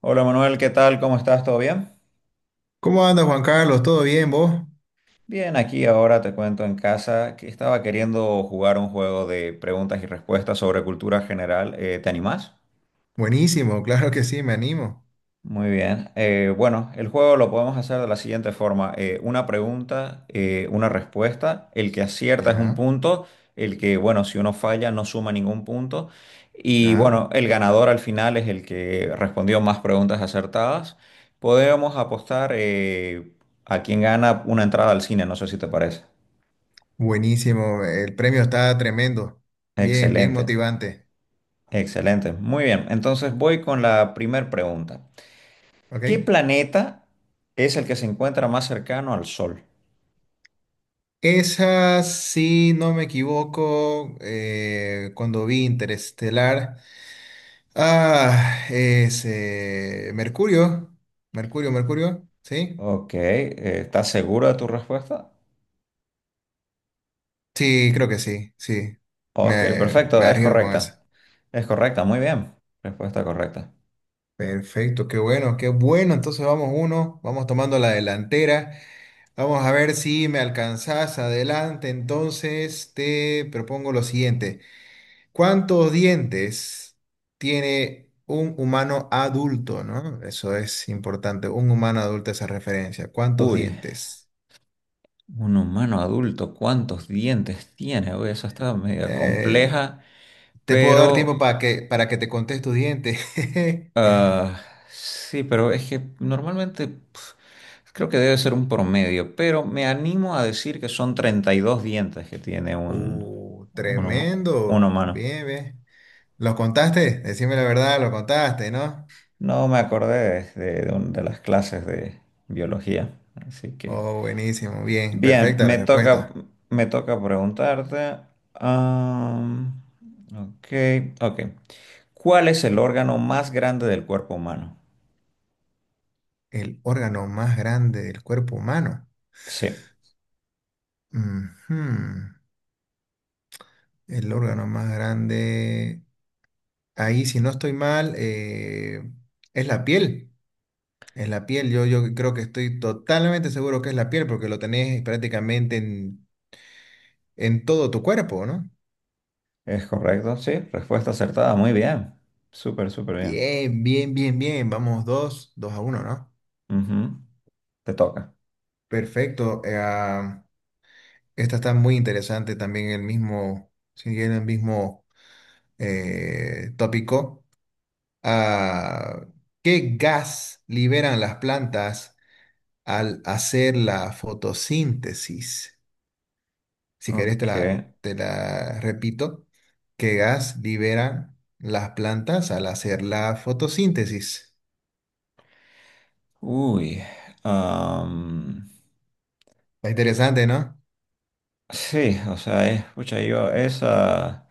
Hola Manuel, ¿qué tal? ¿Cómo estás? ¿Todo bien? ¿Cómo anda, Juan Carlos? ¿Todo bien, vos? Bien, aquí ahora te cuento en casa que estaba queriendo jugar un juego de preguntas y respuestas sobre cultura general. ¿Te animás? Buenísimo, claro que sí, me animo. Muy bien. Bueno, el juego lo podemos hacer de la siguiente forma. Una pregunta, una respuesta. El que acierta es un Ya, punto. El que, bueno, si uno falla no suma ningún punto. Y ya. bueno, el ganador al final es el que respondió más preguntas acertadas. Podemos apostar a quien gana una entrada al cine, no sé si te parece. Buenísimo, el premio está tremendo. Bien, bien Excelente, motivante. excelente. Muy bien, entonces voy con la primera pregunta. ¿Ok? ¿Qué planeta es el que se encuentra más cercano al Sol? Esa, si no me equivoco, cuando vi Interestelar. Ah, es Mercurio. Mercurio, Mercurio. ¿Sí? Ok, ¿estás seguro de tu respuesta? Sí, creo que sí, sí. Ok, Me perfecto, es arriesgo con eso. correcta. Es correcta, muy bien. Respuesta correcta. Perfecto, qué bueno, qué bueno. Entonces vamos uno, vamos tomando la delantera. Vamos a ver si me alcanzás adelante. Entonces te propongo lo siguiente. ¿Cuántos dientes tiene un humano adulto, no? Eso es importante. Un humano adulto, esa referencia. ¿Cuántos Uy, dientes? un humano adulto, ¿cuántos dientes tiene? Uy, eso está medio Eh, compleja, Te puedo dar tiempo pero... para que te contes tu diente. ah, sí, pero es que normalmente creo que debe ser un promedio, pero me animo a decir que son 32 dientes que tiene un, huma- un Tremendo. humano. Bien, bien. ¿Lo contaste? Decime la verdad, lo contaste, ¿no? No me acordé de las clases de biología, así que... Oh, buenísimo, bien, Bien, perfecta la respuesta. me toca preguntarte. am, ok, ok. ¿Cuál es el órgano más grande del cuerpo humano? El órgano más grande del cuerpo humano. Sí, Ujú. El órgano más grande. Ahí, si no estoy mal, es la piel. Es la piel. Yo creo que estoy totalmente seguro que es la piel porque lo tenés prácticamente en todo tu cuerpo, ¿no? es correcto, sí. Respuesta acertada, muy bien. Súper, súper bien. Bien, bien, bien, bien. Vamos dos, dos a uno, ¿no? Ujú. Te toca. Perfecto. Esta está muy interesante también el mismo, siguiendo el mismo tópico. Ah, ¿qué gas liberan las plantas al hacer la fotosíntesis? Si querés Ok. Te la repito. ¿Qué gas liberan las plantas al hacer la fotosíntesis? Uy. am, Está interesante, ¿no? sí, o sea, escucha yo esa...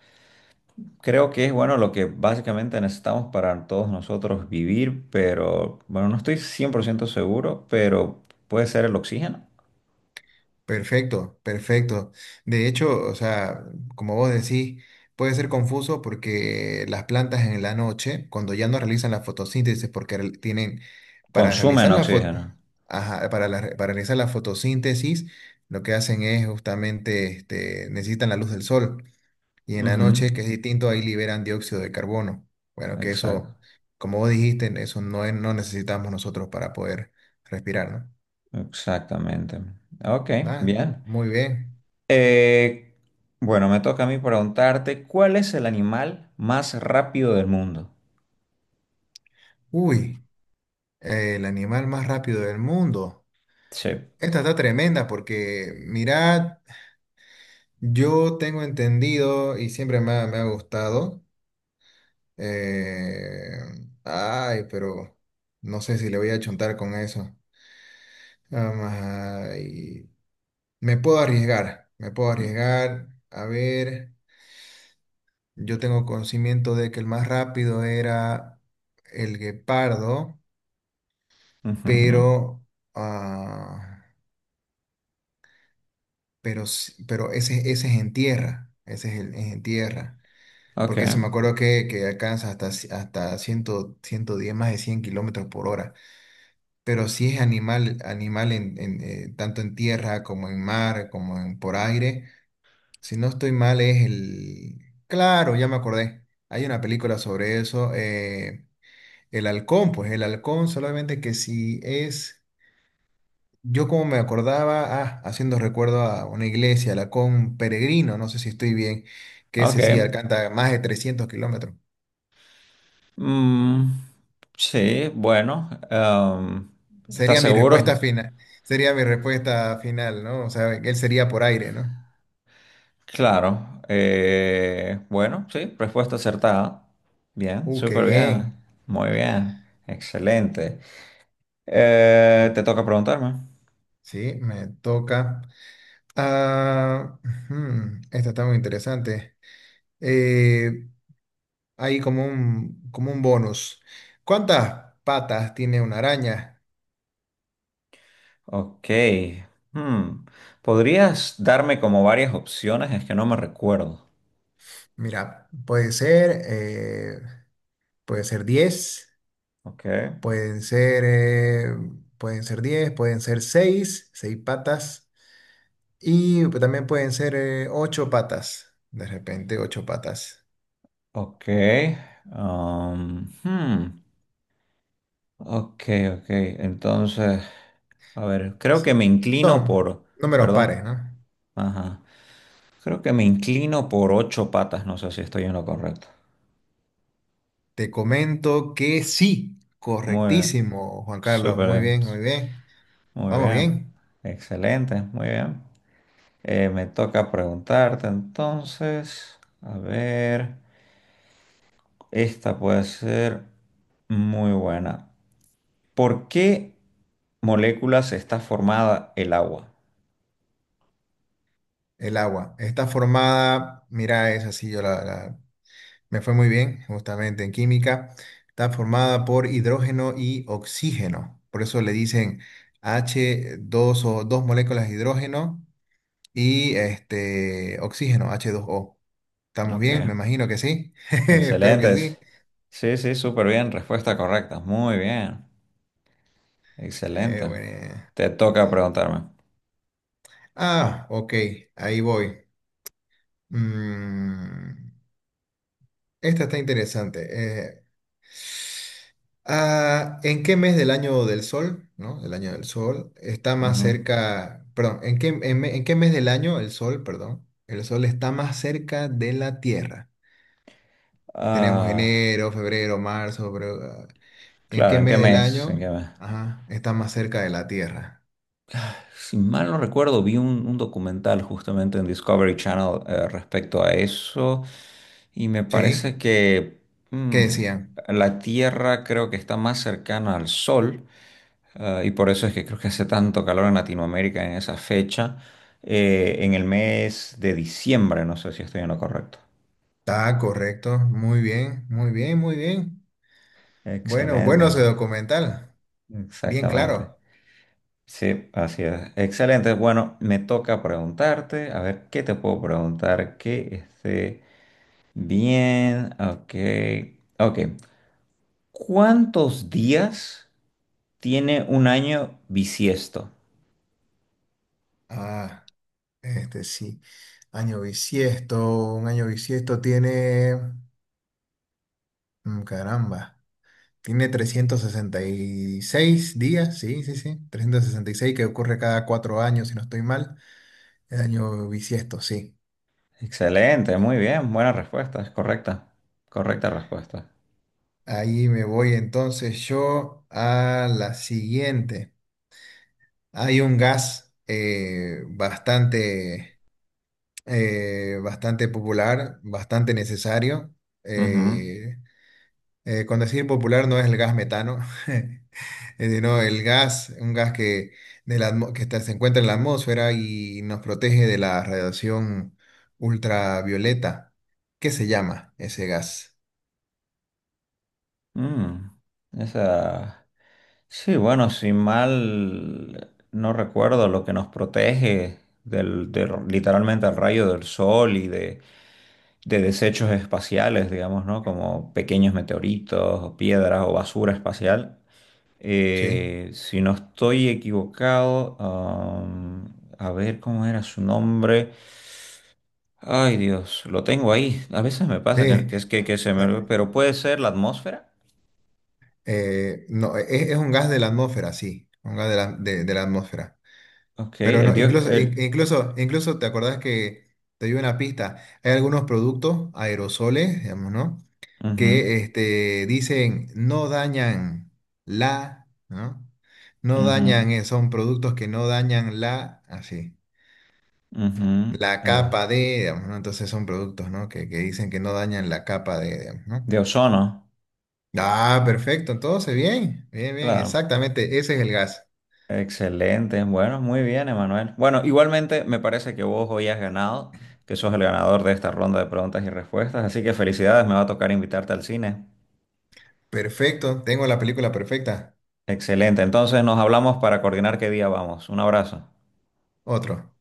Creo que es bueno lo que básicamente necesitamos para todos nosotros vivir, pero bueno, no estoy 100% seguro, pero puede ser el oxígeno. Perfecto, perfecto. De hecho, o sea, como vos decís, puede ser confuso porque las plantas en la noche, cuando ya no realizan la fotosíntesis, porque tienen para Consumen realizar oxígeno. ajá, para realizar la fotosíntesis, lo que hacen es justamente, este, necesitan la luz del sol. Y en la Ujú. noche, que es distinto, ahí liberan dióxido de carbono. Bueno, que Exacto, eso, como vos dijiste, eso no necesitamos nosotros para poder respirar, ¿no? exactamente. Ok, Ah, bien. muy bien. Eh, bueno, me toca a mí preguntarte, ¿cuál es el animal más rápido del mundo? Uy. El animal más rápido del mundo. Sí. Esta está tremenda porque, mirad, yo tengo entendido y siempre me ha gustado. eh, Ay, pero no sé si le voy a chontar con eso. Ay, me puedo arriesgar, me puedo arriesgar. A ver, yo tengo conocimiento de que el más rápido era el guepardo, Ujú. pero... Ah. Pero, pero ese es en tierra, ese es, es en tierra, Ok, porque eso me acuerdo que alcanza hasta 100, 110 más de 100 kilómetros por hora, pero si es animal, animal tanto en tierra como en mar, como en, por aire, si no estoy mal es el... Claro, ya me acordé, hay una película sobre eso, el halcón, pues el halcón solamente que si es... Yo como me acordaba, ah, haciendo recuerdo a una iglesia, la Con Peregrino, no sé si estoy bien, que ok. ese sí alcanza más de 300 kilómetros. Mm, sí, bueno, ¿estás Sería mi respuesta seguro? final, sería mi respuesta final, ¿no? O sea, él sería por aire, ¿no? Claro, bueno, sí, respuesta acertada. Bien, Qué súper bien, bien. muy bien, excelente. Mm, Te toca preguntarme. sí, me toca. Ah, ujú, esta está muy interesante. Eh, Hay como un, bonus. ¿Cuántas patas tiene una araña? Ok, hmm, ¿podrías darme como varias opciones? Es que no me recuerdo. Mira, puede ser. Pueden ser 10, Ok, pueden ser, eh, pueden ser 10, pueden ser 6 patas, y también pueden ser 8 patas, de repente 8 patas. ok, hmm, ok, ok, entonces, a ver, creo S- que me inclino Son por, números pares, perdón, ¿no? ajá. Creo que me inclino por ocho patas, no sé si estoy en lo correcto. Te comento que sí, Muy bien, correctísimo, Juan Carlos, súper muy bien, bien, muy bien. muy Vamos bien, bien. excelente, muy bien. Me toca preguntarte entonces, a ver, esta puede ser muy buena. ¿Por qué moléculas está formada el agua? El agua está formada, mira, es así, me fue muy bien, justamente en química. Está formada por hidrógeno y oxígeno. Por eso le dicen H2O dos moléculas de hidrógeno y este oxígeno, H2O. ¿Estamos Ok, bien? Me imagino que sí. Espero que sí. excelentes. Sí, sí, súper bien, respuesta correcta, muy bien, excelente. Bueno. Te toca preguntarme. Ah, ok, ahí voy. Mm, Esta está interesante. Eh, ah, ¿en qué mes del año del sol, ¿no? El año del sol está más Ujú. cerca, perdón, en qué mes del año el sol, perdón, el sol está más cerca de la Tierra? Tenemos Ah, enero, febrero, marzo, pero ah, ¿en claro, qué ¿en qué mes del mes? año, ¿En qué mes? ajá, está más cerca de la Tierra? Si mal no recuerdo, vi un documental justamente en Discovery Channel respecto a eso y me parece ¿Sí? que ¿Qué mm, decían? la Tierra creo que está más cercana al Sol, ah, y por eso es que creo que hace tanto calor en Latinoamérica en esa fecha, en el mes de diciembre, no sé si estoy en lo correcto. Está correcto, muy bien, muy bien, muy bien. Bueno, bueno Excelente, ese documental, bien exactamente. claro. Sí, así es. Excelente. Bueno, me toca preguntarte, a ver qué te puedo preguntar que esté bien. Ok, ok. ¿Cuántos días tiene un año bisiesto? Ah. Este sí, año bisiesto, un año bisiesto tiene, caramba, tiene 366 días, sí, sí, sí, 366 que ocurre cada 4 años, si no estoy mal, el año bisiesto, sí. Excelente, muy bien, buena respuesta, es correcta, correcta respuesta. Ahí me voy entonces yo a la siguiente. Hay un gas bastante, bastante popular, bastante necesario. Ujú. eh, con decir popular no es el gas metano. No, el gas, un gas que, de la atmo- que está- se encuentra en la atmósfera y nos protege de la radiación ultravioleta. ¿Qué se llama ese gas? Mm, esa. Sí, bueno, si mal no recuerdo, lo que nos protege literalmente al rayo del sol y de desechos espaciales, digamos, ¿no? Como pequeños meteoritos o piedras o basura espacial. Sí, Si no estoy equivocado, a ver cómo era su nombre. Ay, Dios, lo tengo ahí. A veces me pasa sí. Que se me... eh, olvida. Pero puede ser la atmósfera. No, es un gas de la atmósfera, sí, un gas de la atmósfera. Ok, Pero el no, dios... El... incluso te acordás que te dio una pista. Hay algunos productos aerosoles, digamos, ¿no? ujú, Que este, dicen no dañan la, ¿no? No ujú, dañan, son productos que no dañan la, así, ujú, la eh, capa de, digamos, ¿no? Entonces son productos, ¿no? Que dicen que no dañan la capa de, digamos, ¿no? de ozono, Ah, perfecto, entonces bien, bien, bien, claro. exactamente, ese es el gas. Excelente, bueno, muy bien, Emanuel. Bueno, igualmente me parece que vos hoy has ganado, que sos el ganador de esta ronda de preguntas y respuestas, así que felicidades, me va a tocar invitarte al cine. Perfecto, tengo la película perfecta. Excelente, entonces nos hablamos para coordinar qué día vamos. Un abrazo. Otro.